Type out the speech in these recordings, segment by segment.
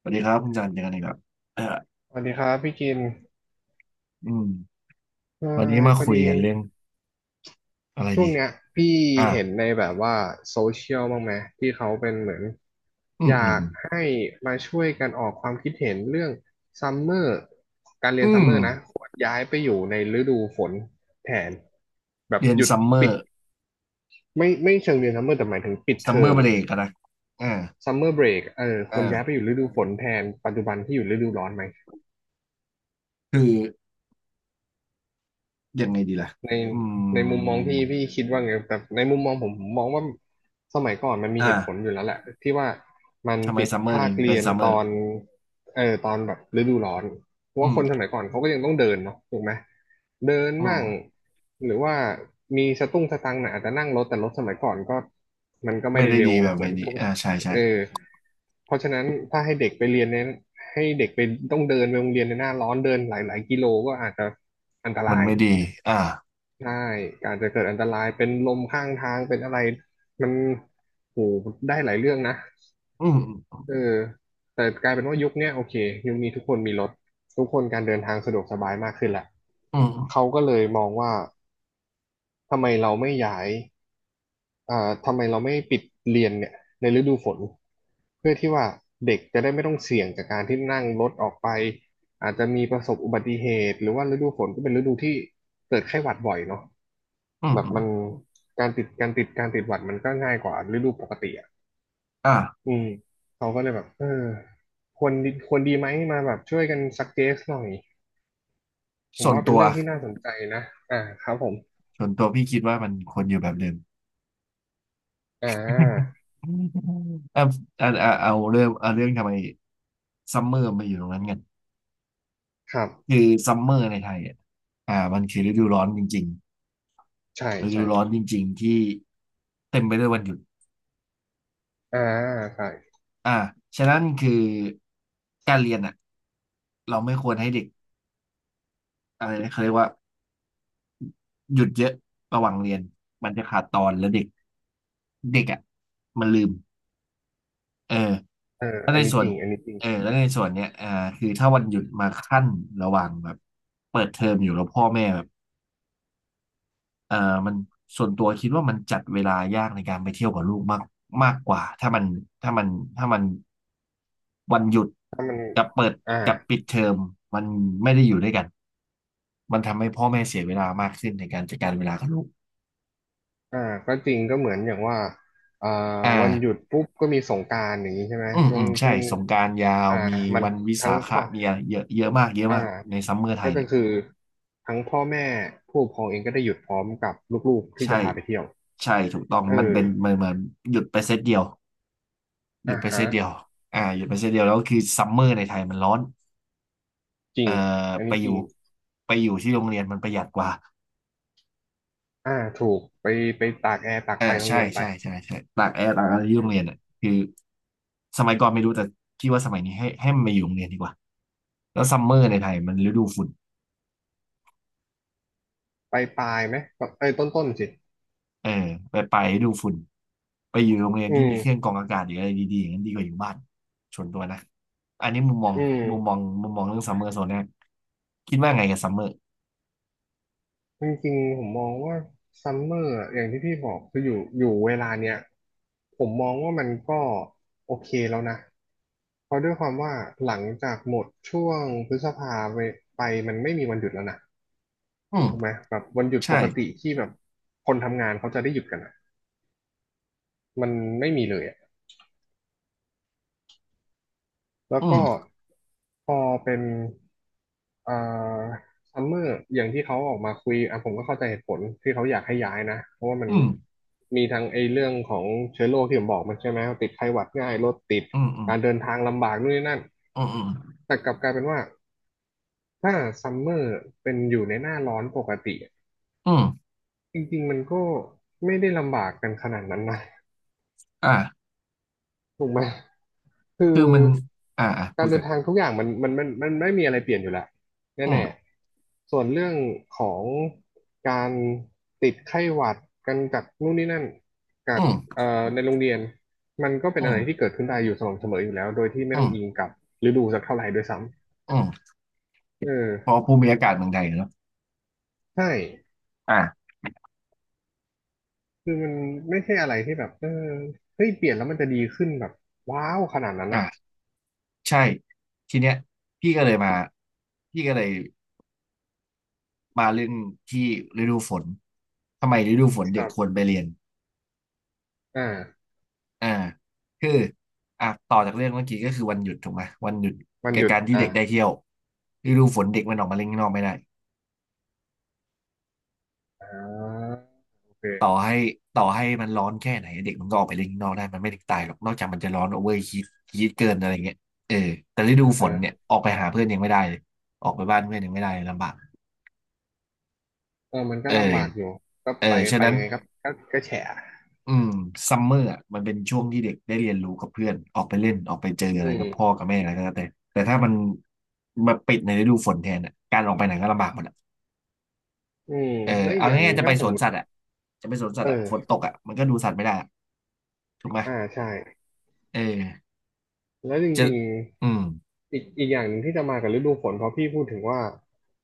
สวัสดีครับคุณจันเจอกันอีกแล้วเออสวัสดีครับพี่กินอืมเอวันนี้ยมาพอคุดียกันเรื่องอะไรช่วงดีเนี้ยพี่อ่ะเห็นในแบบว่าโซเชียลบ้างไหมที่เขาเป็นเหมือนอือมยาอืมกให้มาช่วยกันออกความคิดเห็นเรื่องซัมเมอร์การเรีอืยนซัมมเมอร์นะควรย้ายไปอยู่ในฤดูฝนแทนแบบเรียนหยุดซัมเมอปิดร์ไม่เชิงเรียนซัมเมอร์แต่หมายถึงปิดซัเทมเมออมร์เบรอะกนะอ่าซัมเมอร์เบรกควรย้ายไปออ่ายู่ฤดูฝนแทนปัจจุบันที่อยู่ฤดูร้อนไหม คือยังไงดีล่ะในอืในมุมมองมพี่คิดว่าไงแต่ในมุมมองผมมองว่าสมัยก่อนมันมีเหตุผลอ่าอยู่แล้วแหละที่ว่ามันทำไมปิดซัมเมอร์ภาถึคงเป็เรีนยนซัมเมอตร์อนตอนแบบฤดูร้อนเพราะอืว่ามคนสมัยก่อนเขาก็ยังต้องเดินเนาะถูกไหมเดินอืมั่งมหรือว่ามีสตุ้งสตังค์หน่อยอาจจะนั่งรถแต่รถสมัยก่อนก็มันก็ไม่ไม่ได้ได้เร็ดีวแบบเหมืไม่อนดีทุกอ่าใช่ใช่ เออเพราะฉะนั้นถ้าให้เด็กไปเรียนเนี่ยให้เด็กไปต้องเดินไปโรงเรียนในหน้าร้อนเดินหลายๆกิโลก็อาจจะอันตมันราย ไม่ดีอ่าใช่การจะเกิดอันตรายเป็นลมข้างทางเป็นอะไรมันโหได้หลายเรื่องนะอืมเออแต่กลายเป็นว่ายุคเนี้ยโอเคยุคนี้ทุกคนมีรถทุกคนการเดินทางสะดวกสบายมากขึ้นแหละอืมเขาก็เลยมองว่าทำไมเราไม่ย้าย ทำไมเราไม่ปิดเรียนเนี่ยในฤดูฝนเพื่อที่ว่าเด็กจะได้ไม่ต้องเสี่ยงกับการที่นั่งรถออกไปอาจจะมีประสบอุบัติเหตุหรือว่าฤดูฝนก็เป็นฤดูที่เกิดไข้หวัดบ่อยเนาะอืมแบบอืมอมมันการติดหวัดมันก็ง่ายกว่าฤดูปกติอ่ะอ่าอืมเขาก็เลยแบบควรดีไหมมาแบบช่วยกันซักเจสหน่อยผมส่วนว่าเป็นตัวเรื่องที่น่าสนใจนะอ่าครับผมพี่คิดว่ามันควรอยู่แบบเดิม อ่า อ่ะอ่ะอ่ะเอาเรื่องทำไม ซัมเมอร์มาอยู่ตรงนั้นกันครับคือซัมเมอร์ในไทยอ่ะอ่ามันคือฤดูร้อนจริงใช่ๆฤดูใช่ร้อนจริงๆ ที่เต็มไปด้วยวันหยุดอ่าใช่ อ่าฉะนั้นคือการเรียนอ่ะเราไม่ควรให้เด็กอะไรนะเขาเรียกว่าหยุดเยอะระหว่างเรียน มันจะขาดตอนแล้วเด็กเด็กอ่ะมันลืมเออเออแล้วอัในนนี้ส่จวนริง อันนี้จริงเออแล้วในส่วนเนี้ยอ่าคือถ้าวันหยุดมาขั้นระหว่างแบบเปิดเทอมอยู่แล้วพ่อแม่แบบ เอ่อมันส่วนตัวคิดว่ามันจัดเวลายากในการไปเที่ยวกับลูกมากมากกว่าถ้ามันถ้ามันวันหยุดถ้ามันกับเปิดอ่ากับปิดเทอมมันไม่ได้อยู่ด้วยกันมันทำให้พ่อแม่เสียเวลามากขึ้นในการจัดการเวลากับลูกอ่าก็จริงก็เหมือนอย่างว่าอ่าอ่าวันหยุดปุ๊บก็มีสงกรานต์อย่างนี้ใช่ไหมอืมช่วอืงมใช่ช่วงสงกรานต์ยาวอ่ามีมันวันวิสาทั้งขะพ่อมีอะไรเยอะเยอะมากเยอะอ่ามากในซัมเมอร์ไทก็ยจะเนี่ยคือทั้งพ่อแม่ผู้ปกครองเองก็ได้หยุดพร้อมกับลูกๆที่ใช่จะพาไปเที่ยวใช่ถูกต้องเออมันเป็นเหมือนเหมือนหยุดไปเซตเดียวหยุอ่าดไปเซฮะตเดียวอ่าหยุดไปเซตเดียวแล้วคือซัมเมอร์ในไทยมันร้อน จริเอ่อง อันไปนี้อจริยู่งไปอยู่ที่โรงเรียนมันประหยัดกว่าอ่าถูกไปไปตากแอร์ตากอ่าไฟโรงใช่เรียนไปใช่ใช่ใช่ตากแอร์ตากอะไรที่เอโรงเรียนออ่ะคือสมัยก่อนไม่รู้แต่พี่ว่าสมัยนี้ให้มันมาอยู่โรงเรียนดีกว่าแล้วซัมเมอร์ในไทยมันฤดูฝุ่นไปปลายไหมเอ้ยต้นสิเออไปฤดูฝุ่นไปอยู่โรงเรียนอืที่มีเครื่องมกรองอากาศหรืออะไรดีๆอย่างนั้นดีกว่าอยู่บ้านชวนตัวนะอันนี้มุมมองอืม มุมมองเรื่องซัมเมอร์โซนแรกคิดว่าไงกับซัมเมอร์จริงๆผมมองว่าซัมเมอร์อย่างที่พี่บอกคืออยู่อยู่เวลาเนี้ยผมมองว่ามันก็โอเคแล้วนะเพราะด้วยความว่าหลังจากหมดช่วงพฤษภาไปมันไม่มีวันหยุดแล้วนะอืมถูกไหมแบบวันหยุดปใช่กติที่แบบคนทำงานเขาจะได้หยุดกันอะมันไม่มีเลยอะ แล้วอืก็มพอเป็นเอ่อซัมเมอร์อย่างที่เขาออกมาคุยอ่ะผมก็เข้าใจเหตุผลที่เขาอยากให้ย้ายนะเพราะว่ามันอืมมีทั้งไอ้เรื่องของเชื้อโรคที่ผมบอกมันใช่ไหมติดไข้หวัดง่ายรถติดอืมอืมการเดินทางลำบากนู่นนี่นั่นอืมอืมแต่กลับกลายเป็นว่าถ้าซัมเมอร์เป็นอยู่ในหน้าร้อนปกติอืมจริงๆมันก็ไม่ได้ลำบากกันขนาดนั้นนะ อ่าถูกไหม คือคือมันอ่าอ่าพูการดเดิกันน ทางทุกอย่างมันไม่มีอะไรเปลี่ยนอยู่แล้วอืมแน่ๆส่วนเรื่องของการติดไข้หวัดกันจากนู่นนี่นั่นจาอืกมในโรงเรียนมันก็เป็นอือะไรที่มเกิดขึ้นได้อยู่สม่ำเสมออยู่แล้วโดยที่ไม่อืต้องมอิงกับฤดูสักเท่าไหร่ด้วยซ้อืมำเพอภูมิอากาศเมืองไทยเนอะใช่อ่าคือมันไม่ใช่อะไรที่แบบเฮ้ยเปลี่ยนแล้วมันจะดีขึ้นแบบว้าวขนาดนั้นอะอ่าใช่ทีเนี้ยพี่ก็เลยมาพี่ก็เลยมาเรื่องที่ฤดูฝนทำไมฤดูฝนคเด็กรัควรบไปเรียนอ่าอ่าคืออ่ะต่อจากเรื่องเมื่อกี้ก็คือวันหยุดถูกไหมวันหยุดมันแกัหยุดการที่อ่าเด็กได้เที่ยวฤดูฝนเด็กมันออกมาเล่นข้างนอกไม่ได้ อ่าโอต่อเคให้ต่อให้มันร้อนแค่ไหนเด็กมันก็ออกไปเล่นข้างนอกได้มันไม่ถึงตายหรอกนอกจากมันจะร้อนโอเวอร์ฮีทฮีทเกินอะไรเงี้ยเออแต่ฤดูอ่าฝฮะ นเนี่ยออกไปหาเพื่อนยังไม่ได้เลยออกไปบ้านเพื่อนยังไม่ได้เลยลำบากเออมันก็เออลำบากอยู่ก็เออไปฉะไปนั้นยังไงครับก็ก็แฉะอืมซัมเมอร์มันเป็นช่วงที่เด็กได้เรียนรู้กับเพื่อนออกไปเล่นออกไปเจออะอืไรกับพ่อมกับแม่อะไรก็แล้วแต่แต่ถ้ามันมาปิดในฤดูฝนแทนอ่ะการออกไปไหนก็ลำบากหมดอ่ะอืมเออแล้วอีกเอาอย่างหง่านึ่ยงๆถ้าสมมติจะไปสวนสัตว์อ่ะฝนตเออกอ่ะมันก็ดูสัตว์ไม่ได้อะถูกไหมอ่าใช่เออแล้วจจะริงอืมๆอีกอย่างหนึ่งที่จะมากับฤดูฝนเพราะพี่พูดถึงว่า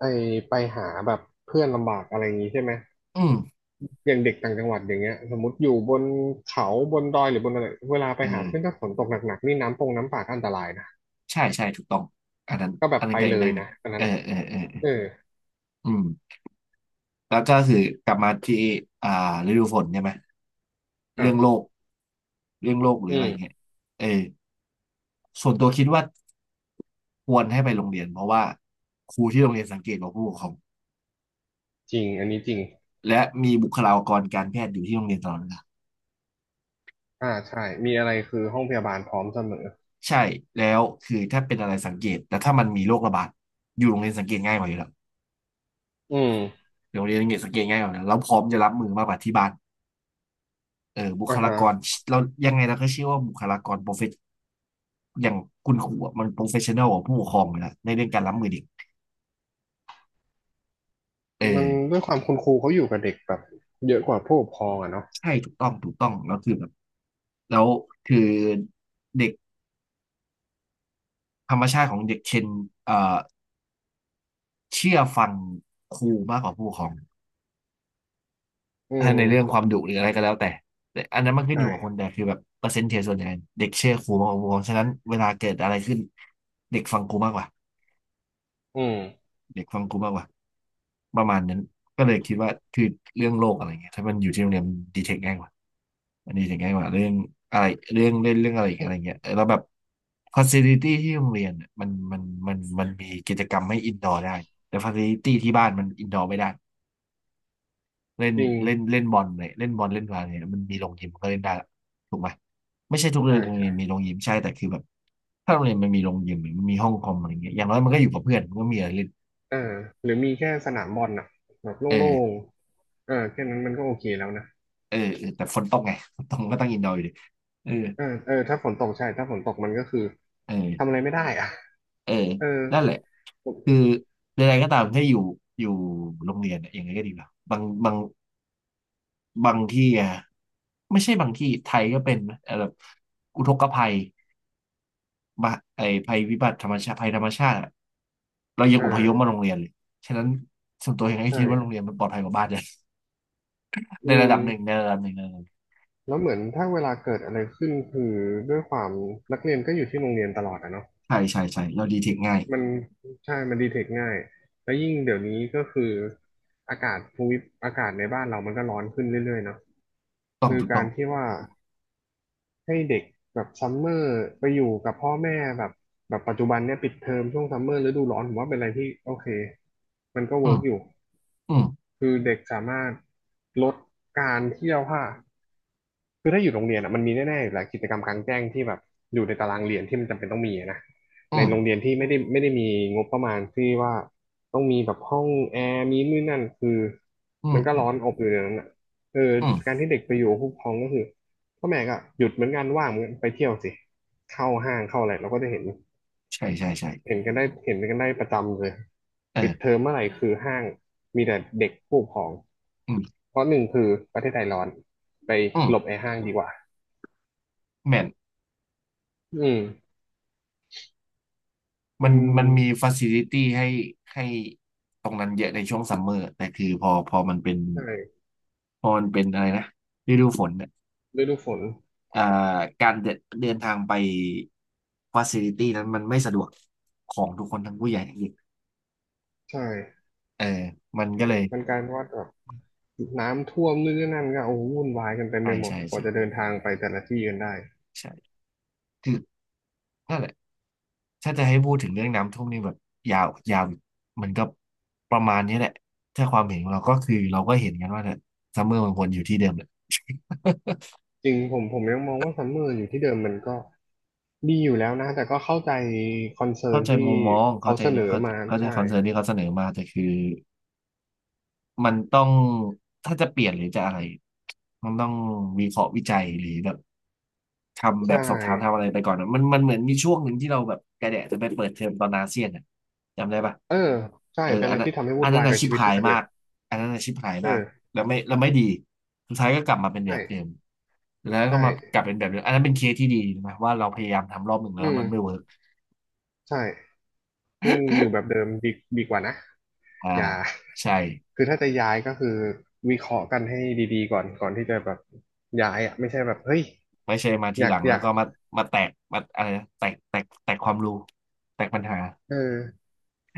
ไอไปหาแบบเพื่อนลำบากอะไรอย่างนี้ใช่ไหมอืม อย่างเด็กต่างจังหวัดอย่างเงี้ยสมมติอยู่บนเขาบนดอยหรือบนอะไรเวลาไปเอหาเพื่อนอถ้าฝนตกหนักๆนี่น้ำปงน้ำป่าก็อันตรายนะใช่ใช่ถูกต้องอันนั้นก็แบอับนนั้ไปนก็อีเลกยเรื่องหนึ่นะงอันเอนั้นออ่ะเออเออเออเอออืมแล้วก็คือกลับมาที่อ่าฤดูฝนใช่ไหมครัเรื่องโลบกหรือืออะไรเงี้ยมเออส่วนตัวคิดว่าควรให้ไปโรงเรียนเพราะว่าครูที่โรงเรียนสังเกตว่าผู้ปกครองจริง อันนี้จริงและมีบุคลากรการแพทย์อยู่ที่โรงเรียนตลอดเวลาอ่าใช่มีอะไรคือห้องพยาบาลพร้อมเสมอ ใช่แล้วคือถ้าเป็นอะไรสังเกตแต่ถ้ามันมีโรคระบาดอยู่โรงเรียนสังเกตง่ายกว่าอยู่แล้วอืมโรงเรียนสังเกตง่ายกว่าอยู่แล้วแล้วพร้อมจะรับมือมากกว่าที่บ้าน เออบุคอ่าลาฮะกรเรายังไงเราก็เชื่อว่าบุคลากรโปรเฟชอย่างคุณครูอะโปรเฟชชั่นอลกว่าผู้ปกครองเลยนะในเรื่องการรับมือเด็กเออมันด้วยความคุณครูเขาอยู่กับเด็กแบบเยอะกว่าผู้ปกครองอะเนาะใช่ถูกต้องถูกต้องแล้วคือแบบแล้วคือเด็กธรรมชาติของเด็กเชนเอ่อเชื่อฟังครูมากกว่าผู้ปกครองอืถ้าในเรื่องคมวามดุหรืออะไรก็แล้วแต่แต่อันนั้นมันขึ้นใช่อยู่กับคนแต่คือแบบเปอร์เซ็นต์เทส่วนใหญ่เด็กเชื่อครูมากกว่าผู้ปกครองฉะนั้นเวลาเกิดอะไรขึ้นเด็กฟังครูมากกว่าอืมเด็กฟังครูมากกว่า ประมาณนั้นก็เลยคิดว่าคือเรื่องโลกอะไรเงี้ยถ้ามันอยู่ที่โรงเรียนดีเทคง่ายกว่ามันดีเทคง่ายกว่าเรื่องอะไรเรื่องเล่นเรื่องอะไรอีกอะไรเงี้ยเแล้วแบบฟัซิลิตี้ที่โรงเรียนเนี่ยมันมีกิจกรรมให้อินดอร์ได้แต่ฟัซิลิตี้ที่บ้านมันอินดอร์ไม่ได้เล่นจริงเล่นเล่นบอลเนี่ยเล่นบอลเล่นบาสเนี่ยมันมีโรงยิมก็เล่นได้ละถูกไหมไม่ใช่ทุกโรงใช่เรีใช่ยนมีโรงยิมใช่แต่คือแบบถ้าโรงเรียนมันมีโรงยิมหรือมันมีห้องคอมอะไรเงี้ยอย่างน้อยมันก็อยู่กับเพื่อนมันก็มีอะไรเล่นเออหรือมีแค่สนามบอลน่ะแบบเอโล่งอ ๆเออแค่นั้นมันก็โอเคแล้วนะเออแต่ฝนตกไงฝนตกมันก็ต้องอินดอร์อยู่ดีเออเออเออถ้าฝนตกใช่ถ้าฝนตกมันก็คือเอทำอะอไรไม่ได้อ่ะเออเออนั่นแหละผมคือใดๆก็ตามถ้าอยู่อยู่โรงเรียนเนี่ยยังไงก็ดีกว่าบางที่อะไม่ใช่บางที่ไทยก็เป็นนะแบบอุทกภัยมาไอภัยวิบัติธรรมชาติภัยธรรมชาติอะเรายังอ่อพยพมาโรางเรียนเลยฉะนั้นส่วนตัวยังไงคิดว่าโรงใช่เรียนมันปลอดภัยกว่าบ้านเลย อืในระมดับหนึ่งในระดับหนึ่งในระดับหนึ่งแล้วเหมือนถ้าเวลาเกิดอะไรขึ้นคือด้วยความนักเรียนก็อยู่ที่โรงเรียนตลอดอะเนาะ ใช่ใช่ใช่เราดีเทคง่ายมันใช่ มันดีเทคง่าย แล้วยิ่งเดี๋ยวนี้ก็คืออากาศภูมิอากาศในบ้านเรามันก็ร้อนขึ้นเรื่อยๆเนาะต้องคือถูกต้กาอรงที่ว่าให้เด็กแบบซัมเมอร์ไปอยู่กับพ่อแม่แบบแบบปัจจุบันเนี่ยปิดเทอมช่วงซัมเมอร์ฤดูร้อนผมว่าเป็นอะไรที่โอเคมันก็อืเวิร์มกอยู่ อืมคือเด็กสามารถลดการเที่ยวค่า คือถ้าอยู่โรงเรียนอ่ะมันมีแน่ๆอยู่แล้วกิจกรรมกลางแจ้งที่แบบอยู่ในตารางเรียนที่มันจำเป็นต้องมีอะนะอืในมโรงเรียนที่ไม่ได้มีงบประมาณที่ว่าต้องมีแบบห้องแอร์มีนู่นนั่นคืออืมมันก็อืมร้อนอบอยู่ในนั้นอ่ะเอออืม การที่เด็กไปอยู่กับผู้ปกครองก็คือพ่อแม่ก็หยุดเหมือนกันว่างเหมือนกันไปเที่ยวสิเข้าห้างเข้าอะไรเราก็จะเห็นใช่ใช่ใช่เห็นกันได้ประจำเลยเออปิดเทอมเมื่อไหร่คือห้างมีแต่เด็กผู้ปกครองอืมเพราะหนึ่งคือประเทศไทยร้อนไปอืหลบมไอ้ห้างดีกว่า แมนอืมมัมันนมันมีฟ a ซิลิตี้ให้ให้ตรงนั้นเยอะในช่วงซัมเมอร์แต่คือพอมันเป็นใช่พอมันเป็นอะไรนะฤดูฝนเนี่ยฤดูฝนอ่าการเดินเดินทางไปฟ a ซิลิตี้นั้นมันไม่สะดวกของทุกคนทั้งผู้ใหญ่ทั้งเด็กใช่เออมันก็เลยมันกลายเป็นว่าแบบน้ำท่วมนู่นนี่นั่นก็โอ้โหวุ่นวายกันเต็มใช่ไปหมดใช่กว่าใช่จะเดินทางไปแต่ละที่กันได้ใช่คือนั่นแหละถ้าจะให้พูดถึงเรื่องน้ำท่วมนี่แบบยาวมันก็ประมาณนี้แหละถ้าความเห็นของเราก็คือเราก็เห็นกันว่าเนี่ยซัมเมอร์มันวนอยู่ที่เดิมแหละ จริงผมยังมองว่าซัมเมอร์อยู่ที่เดิมมันก็ดีอยู่แล้วนะแต่ก็เข้าใจคอนเซิร์เข้านใจที่มุมมองเขาเข้าใจเสนอเข้ามาเข้าใจใช่คอนเซิร์นที่เขาเสนอมาแต่คือมันต้องถ้าจะเปลี่ยนหรือจะอะไรมันต้องวิเคราะห์วิจัยหรือแบบทำแบใช่บสอบถามทำอะไรไปก่อนอะมันมันเหมือนมีช่วงหนึ่งที่เราแบบกระแดะจะไปเปิดเทอมตอนอาเซียนอะจำได้ปะเออใช่เออเป็นอะอันไรนั้นที่ทำให้อัวุ่นนนั้วานยอากับชิบชีวิตหายมากเลมายกอันนั้นอาชิบหายมากเออแล้วไม่แล้วไม่ดีสุดท้ายก็กลับมาเป็นแบใช่บเดิมแล้วใชก็มากลับ่เป็นแบบเดิมอันนั้นเป็นเคสที่ดีนะว่าเราพยายามทำรอบหนึ่งแล้อืวมันไม่เวิมร์กใช่ ซึ่งอยู่แบบเดิมดีดีกว่านะอ่าอย่า ใช่ คือถ้าจะย้ายก็คือวิเคราะห์กันให้ดีๆก่อนที่จะแบบย้ายอ่ะไม่ใช่แบบเฮ้ยไม่ใช่มาอทียาหกลังอแล้ยาวกก็มามาแตกมาอะไรนะแตกความรู้แตกปัญหาเออ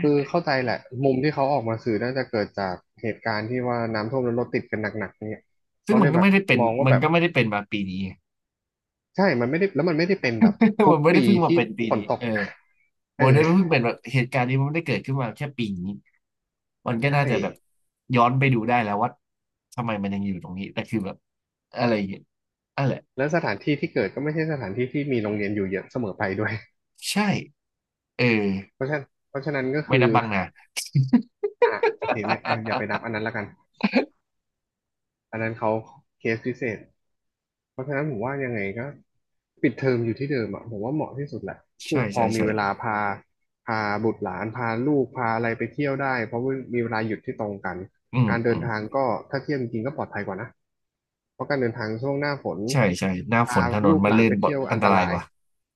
คือเข้าใจแหละมุมที่เขาออกมาสื่อน่าจะเกิดจากเหตุการณ์ที่ว่าน้ำท่วมแล้วรถติดกันหนักๆเนี่ยซึ่งเขามัเลนยก็แบไม่บได้เป็นมองว่ามันแบบก็ไม่ได้เป็นมาปีนี้ ใช่มันไม่ได้แล้วมันไม่ได้เป็นแบบ ทุมักนไม่ได้ปีเพิ่งมาที่เป็นปีฝนนี้ตก เออ เอมันอไม่ได้เพิ่งเป็นแบบเหตุการณ์นี้มันไม่ได้เกิดขึ้นมาแค่ปีนี้มันก็ใช่น่าจะแบบย้อนไปดูได้แล้วว่าทำไมมันยังอยู่ตรงนี้แต่คือแบบอะไรอย่างเงี้ยนั่นแหละแล้วสถานที่ที่เกิดก็ไม่ใช่สถานที่ที่มีโรงเรียนอยู่เยอะเสมอไปด้วยใช่เออเพราะฉะนั้นก็ไม่คือ นับบังนา อ่ะโอเคไม่อย่าไปนับอัน นั้นละกันอันนั้นเขาเคสพิเศษเพราะฉะนั้นผมว่ายังไงก็ปิดเทอมอยู่ที่เดิมอ่ะผมว่าเหมาะที่สุดแหละผู้ใช่ปกครอใช่งมีใช่เวลาพาพาบุตรหลานพาลูกพาอะไรไปเที่ยวได้เพราะว่ามีเวลาหยุดที่ตรงกันอืมการเดินทางก็ถ้าเที่ยวจริงๆก็ปลอดภัยกว่านะเพราะการเดินทางช่วงหน้าฝนใช่ใช่หน้าฝพานถนนลูกมันหลาลื่นนไปบดเที่ยวอัอันนตตรายรากยว่า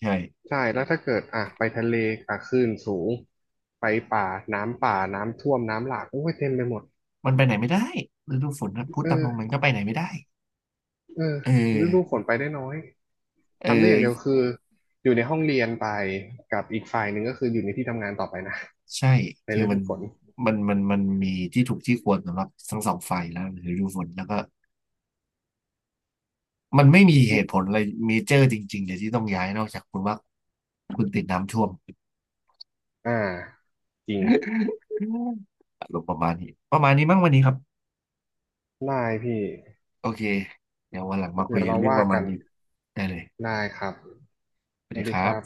ใช่ ใช่แล้วถ้าเกิดอ่ะไปทะเลอ่ะคลื่นสูงไปป่าน้ำป่าน้ำท่วมน้ำหลากโอ้ยเต็มไปหมดมันไปไหนไม่ได้ฤดูฝนนะพูดตามตรงมันเออ ก็ไปไหนไม่ได้เออเออฤดูฝนไปได้น้อย เอทำได้อย่างเดียวอคืออยู่ในห้องเรียนไปกับอีกฝ่ายหนึ่งก็คืออยู่ในที่ทำงานต่อไปนะใช่ในคือฤมัดูนฝนมันมันมันมีที่ถูกที่ควรสำหรับทั้งสองฝ่ายแล้วหรือดูฝนแล้วก็มันไม่มีเหอมตุผลอะไรเมเจอร์จริงๆเดี๋ยวที่ต้องย้ายนอกจากคุณว่าคุณติดน้ำท่วมอ่าจริงอารมณ์ประมาณนี้ประมาณนี้มั้งวันนี้ครับได้พี่โอเคเดี๋ยววันหลังมาคุเดี๋ยยวกันเราเรื่องว่าประมากัณนนี้ได้เลยได้ครับสสวัสวัดีสคดีรัคบรับ